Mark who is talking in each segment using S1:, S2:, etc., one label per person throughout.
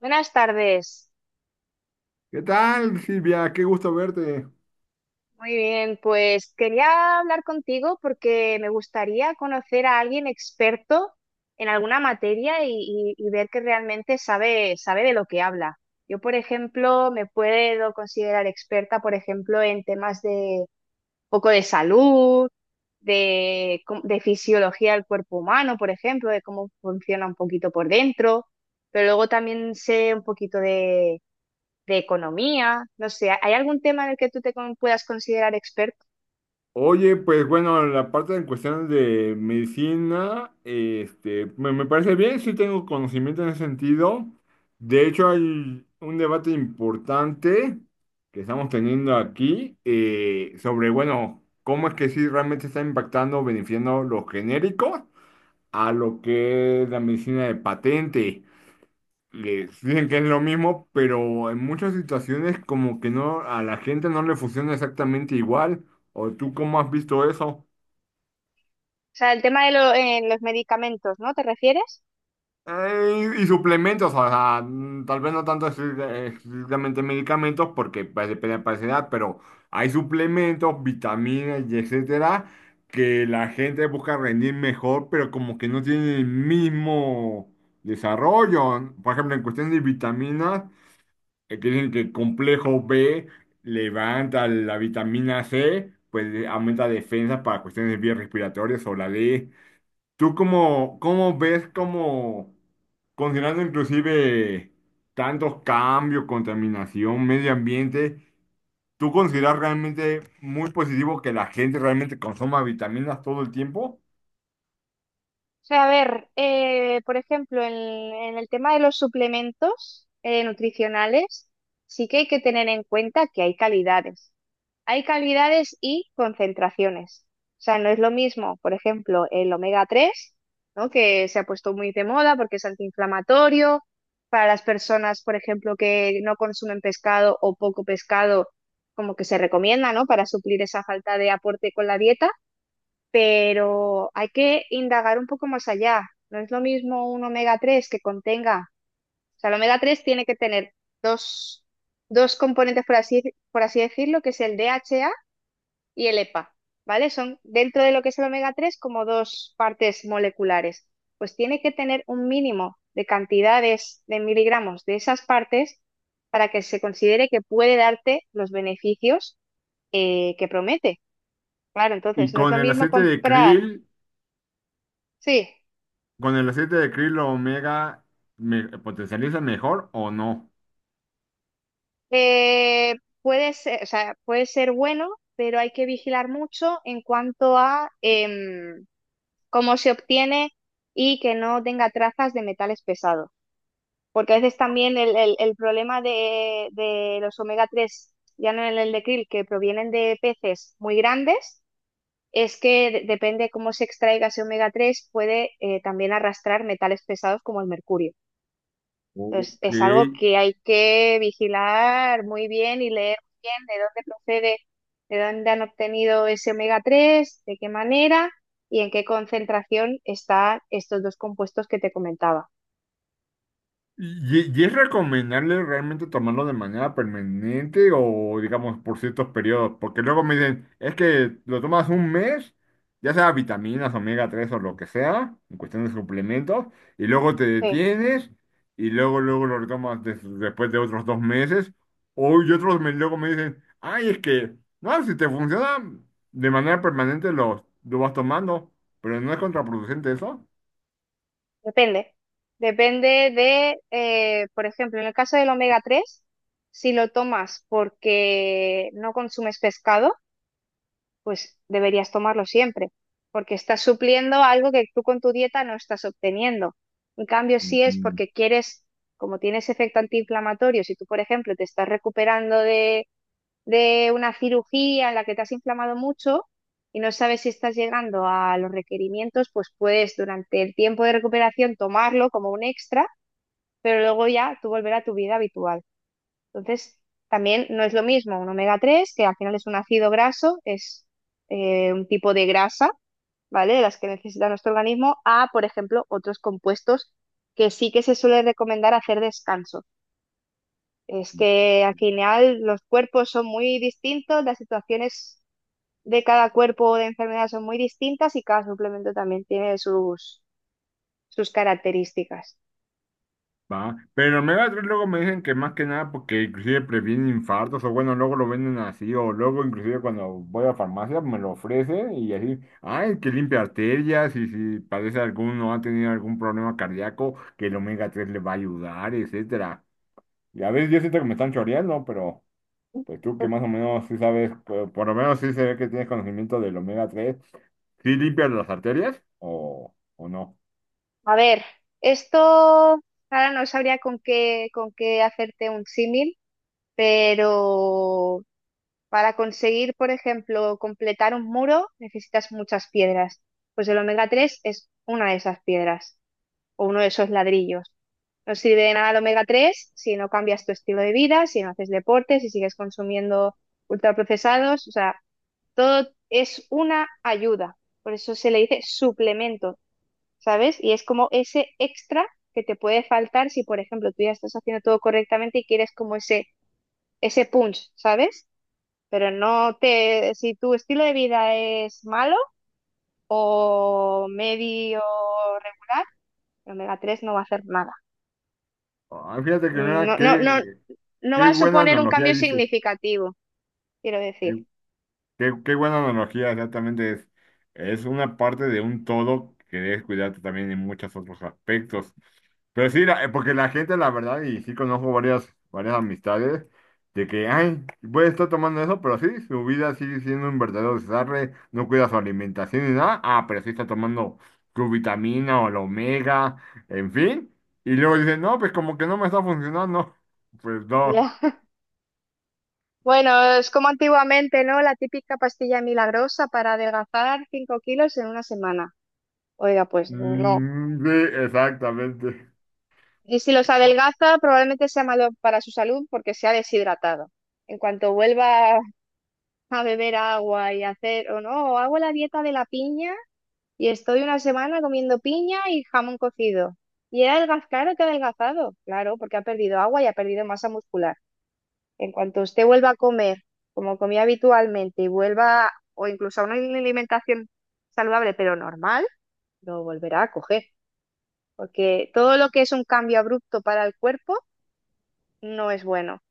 S1: Buenas tardes.
S2: ¿Qué tal, Silvia? Qué gusto verte.
S1: Muy bien, pues quería hablar contigo porque me gustaría conocer a alguien experto en alguna materia y ver que realmente sabe de lo que habla. Yo, por ejemplo, me puedo considerar experta, por ejemplo, en temas de poco de salud, de fisiología del cuerpo humano, por ejemplo, de cómo funciona un poquito por dentro, pero luego también sé un poquito de economía, no sé, ¿hay algún tema en el que tú puedas considerar experto?
S2: Oye, pues bueno, la parte en cuestión de medicina, este, me parece bien, sí tengo conocimiento en ese sentido. De hecho, hay un debate importante que estamos teniendo aquí sobre, bueno, cómo es que sí realmente está impactando, beneficiando los genéricos a lo que es la medicina de patente. Les dicen que es lo mismo, pero en muchas situaciones como que no, a la gente no le funciona exactamente igual. ¿O tú cómo has visto eso?
S1: O sea, el tema de los medicamentos, ¿no? ¿Te refieres?
S2: Y suplementos, o sea, tal vez no tanto estrictamente medicamentos, porque pues, depende de la paciente, pero hay suplementos, vitaminas y etcétera, que la gente busca rendir mejor, pero como que no tiene el mismo desarrollo. Por ejemplo, en cuestión de vitaminas. Que dicen que el complejo B levanta la vitamina C, pues aumenta defensa para cuestiones de vías respiratorias o la D. ¿Tú cómo, cómo ves, cómo, considerando inclusive tantos cambios, contaminación, medio ambiente, tú consideras realmente muy positivo que la gente realmente consuma vitaminas todo el tiempo?
S1: O sea, a ver, por ejemplo, en el tema de los suplementos nutricionales, sí que hay que tener en cuenta que hay calidades. Hay calidades y concentraciones. O sea, no es lo mismo, por ejemplo, el omega tres, ¿no? Que se ha puesto muy de moda porque es antiinflamatorio. Para las personas, por ejemplo, que no consumen pescado o poco pescado, como que se recomienda, ¿no? Para suplir esa falta de aporte con la dieta, pero hay que indagar un poco más allá. No es lo mismo un omega 3 que contenga, o sea, el omega 3 tiene que tener dos, dos componentes, por así decirlo, que es el DHA y el EPA, ¿vale? Son dentro de lo que es el omega 3 como dos partes moleculares. Pues tiene que tener un mínimo de cantidades de miligramos de esas partes para que se considere que puede darte los beneficios que promete. Claro,
S2: Y
S1: entonces no es
S2: con
S1: lo
S2: el
S1: mismo
S2: aceite de
S1: comprar,
S2: krill,
S1: sí.
S2: con el aceite de krill omega, ¿me potencializa mejor o no?
S1: Eh, puede ser, o sea, puede ser bueno, pero hay que vigilar mucho en cuanto a em, cómo se obtiene y que no tenga trazas de metales pesados. Porque a veces también el problema de los omega 3 ya no en el de krill, que provienen de peces muy grandes, es que depende cómo se extraiga ese omega 3 puede también arrastrar metales pesados como el mercurio. Entonces,
S2: Ok.
S1: es algo que hay que vigilar muy bien y leer muy bien de dónde procede, de dónde han obtenido ese omega 3 de qué manera y en qué concentración están estos dos compuestos que te comentaba.
S2: Y es recomendable realmente tomarlo de manera permanente o, digamos, por ciertos periodos? Porque luego me dicen, es que lo tomas un mes, ya sea vitaminas, omega 3 o lo que sea, en cuestión de suplementos, y luego te
S1: Sí,
S2: detienes y luego, luego lo retomas después de otros dos meses. O y otros me, luego me dicen, ay, es que, no, si te funciona de manera permanente lo vas tomando, pero no es contraproducente eso.
S1: depende. Depende de, por ejemplo, en el caso del omega 3 si lo tomas porque no consumes pescado, pues deberías tomarlo siempre, porque estás supliendo algo que tú con tu dieta no estás obteniendo. En cambio, si es porque quieres, como tienes efecto antiinflamatorio, si tú, por ejemplo, te estás recuperando de una cirugía en la que te has inflamado mucho y no sabes si estás llegando a los requerimientos, pues puedes durante el tiempo de recuperación tomarlo como un extra, pero luego ya tú volver a tu vida habitual. Entonces, también no es lo mismo un omega 3 que al final es un ácido graso, es un tipo de grasa, ¿vale? De las que necesita nuestro organismo, a, por ejemplo, otros compuestos que sí que se suele recomendar hacer descanso. Es que al final los cuerpos son muy distintos, las situaciones de cada cuerpo o de enfermedad son muy distintas y cada suplemento también tiene sus características.
S2: Va, pero omega 3 luego me dicen que más que nada porque inclusive previene infartos o bueno, luego lo venden así o luego inclusive cuando voy a la farmacia me lo ofrece y así, ay, que limpia arterias y si padece alguno o ha tenido algún problema cardíaco, que el omega 3 le va a ayudar, etcétera. Y a veces yo siento que me están choreando, pero pues tú que más o menos sí sabes, por lo menos sí se ve que tienes conocimiento del omega tres. ¿Sí limpias las arterias o no?
S1: A ver, esto ahora no sabría con qué hacerte un símil, pero para conseguir, por ejemplo, completar un muro necesitas muchas piedras. Pues el omega 3 es una de esas piedras o uno de esos ladrillos. No sirve de nada el omega 3 si no cambias tu estilo de vida, si no haces deporte, si sigues consumiendo ultraprocesados. O sea, todo es una ayuda. Por eso se le dice suplemento. ¿Sabes? Y es como ese extra que te puede faltar si, por ejemplo, tú ya estás haciendo todo correctamente y quieres como ese punch, ¿sabes? Pero no te, si tu estilo de vida es malo o medio, re- omega 3 no va a hacer nada.
S2: Ay, fíjate que mira,
S1: No, no,
S2: qué,
S1: no, no
S2: qué
S1: va a
S2: buena
S1: suponer un
S2: analogía
S1: cambio
S2: dices.
S1: significativo, quiero
S2: Qué,
S1: decir.
S2: qué buena analogía, exactamente. Es una parte de un todo que debes cuidarte también en muchos otros aspectos. Pero sí, porque la gente, la verdad, y sí conozco varias, varias amistades, de que, ay, puede estar tomando eso, pero sí, su vida sigue siendo un verdadero desastre, no cuida su alimentación ni nada, ah, pero sí está tomando su vitamina o la omega, en fin. Y luego dicen, no, pues como que no me está funcionando. Pues no.
S1: Ya. Bueno, es como antiguamente, ¿no? La típica pastilla milagrosa para adelgazar 5 kilos en una semana. Oiga, pues no.
S2: Sí, exactamente.
S1: Y si los adelgaza, probablemente sea malo para su salud porque se ha deshidratado. En cuanto vuelva a beber agua y a hacer, o no, hago la dieta de la piña y estoy una semana comiendo piña y jamón cocido. Claro que ha adelgazado, claro, porque ha perdido agua y ha perdido masa muscular. En cuanto usted vuelva a comer como comía habitualmente y vuelva, o incluso a una alimentación saludable pero normal, lo volverá a coger. Porque todo lo que es un cambio abrupto para el cuerpo no es bueno.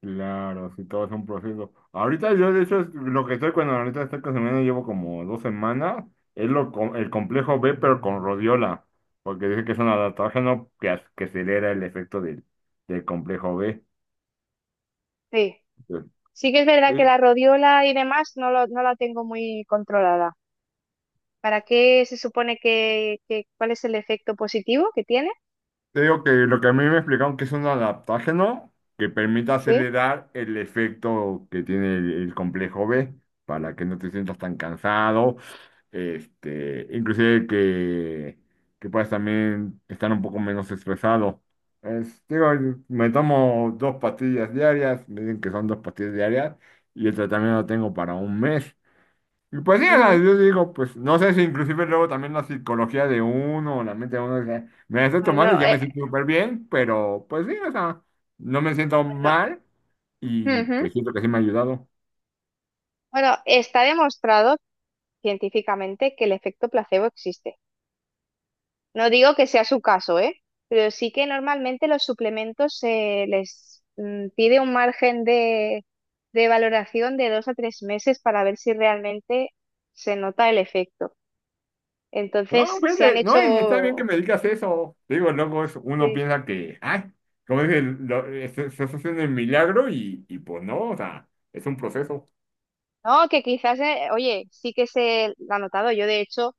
S2: Claro, sí, todo es un proceso. Ahorita yo, de hecho, es lo que estoy cuando ahorita estoy consumiendo, llevo como dos semanas, es lo, el complejo B, pero con rodiola, porque dice que es un adaptógeno que, que acelera el efecto del, del complejo B.
S1: Sí, sí que es verdad que la rodiola y demás no, no la tengo muy controlada. ¿Para qué se supone que, cuál es el efecto positivo que tiene?
S2: Te digo que lo que a mí me explicaron que es un adaptógeno que permite
S1: Sí.
S2: acelerar el efecto que tiene el complejo B para que no te sientas tan cansado, este, inclusive que puedas también estar un poco menos estresado. Digo, me tomo dos pastillas diarias, me dicen que son dos pastillas diarias y el tratamiento lo tengo para un mes. Y pues sí, o sea,
S1: Ujú.
S2: yo digo, pues no sé si inclusive luego también la psicología de uno, o la mente de uno, o sea, me la estoy tomando y
S1: Bueno,
S2: ya me siento súper bien, pero pues sí, o sea, no me siento
S1: bueno,
S2: mal y
S1: ujú.
S2: pues siento que sí me ha ayudado.
S1: Bueno, está demostrado científicamente que el efecto placebo existe. No digo que sea su caso, ¿eh? Pero sí que normalmente los suplementos se les pide un margen de valoración de 2 a 3 meses para ver si realmente se nota el efecto.
S2: No,
S1: Entonces se han
S2: vete, no, y está bien que
S1: hecho,
S2: me digas eso. Te digo, luego uno
S1: sí,
S2: piensa que, ay, como dice, estás haciendo el milagro y pues no, o sea, es un proceso.
S1: no, que quizás, oye, sí que se lo ha notado. Yo de hecho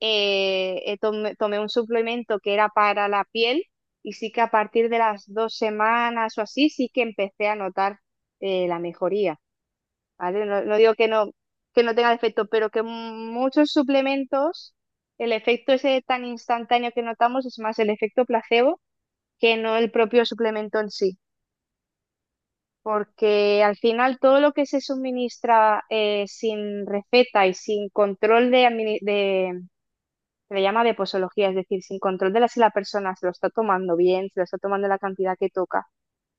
S1: tomé un suplemento que era para la piel y sí que a partir de las 2 semanas o así sí que empecé a notar la mejoría, ¿vale? No, no digo que no tenga efecto, pero que muchos suplementos, el efecto ese tan instantáneo que notamos es más el efecto placebo que no el propio suplemento en sí. Porque al final todo lo que se suministra sin receta y sin control de, se le llama de posología, es decir, sin control de la, si la persona se lo está tomando bien, se lo está tomando la cantidad que toca,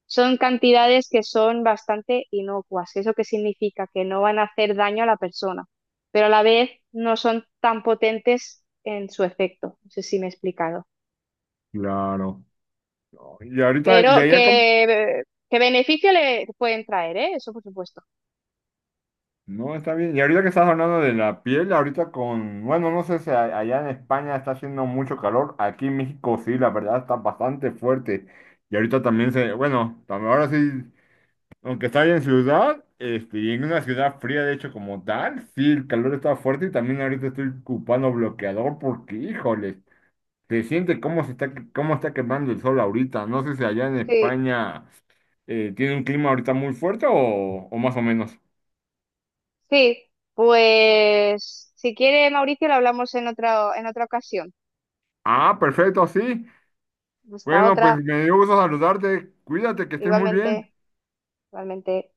S1: son cantidades que son bastante inocuas. ¿Eso qué significa? Que no van a hacer daño a la persona, pero a la vez no son tan potentes en su efecto. No sé si me he explicado.
S2: Claro. No, y ahorita,
S1: Pero
S2: y ahí acá.
S1: que beneficio le pueden traer, ¿eh? Eso por supuesto.
S2: No, está bien. Y ahorita que estás hablando de la piel, ahorita con, bueno, no sé si allá en España está haciendo mucho calor, aquí en México sí, la verdad está bastante fuerte. Y ahorita también se, bueno, ahora sí, aunque está en ciudad, este, y en una ciudad fría de hecho como tal, sí, el calor está fuerte y también ahorita estoy ocupando bloqueador porque, híjole, se siente cómo se está, cómo está quemando el sol ahorita. No sé si allá en
S1: Sí.
S2: España tiene un clima ahorita muy fuerte o más o menos.
S1: Sí, pues si quiere, Mauricio, lo hablamos en otra ocasión.
S2: Ah, perfecto, sí.
S1: Hasta
S2: Bueno, pues
S1: otra,
S2: me dio gusto saludarte. Cuídate, que estés muy bien.
S1: igualmente, igualmente.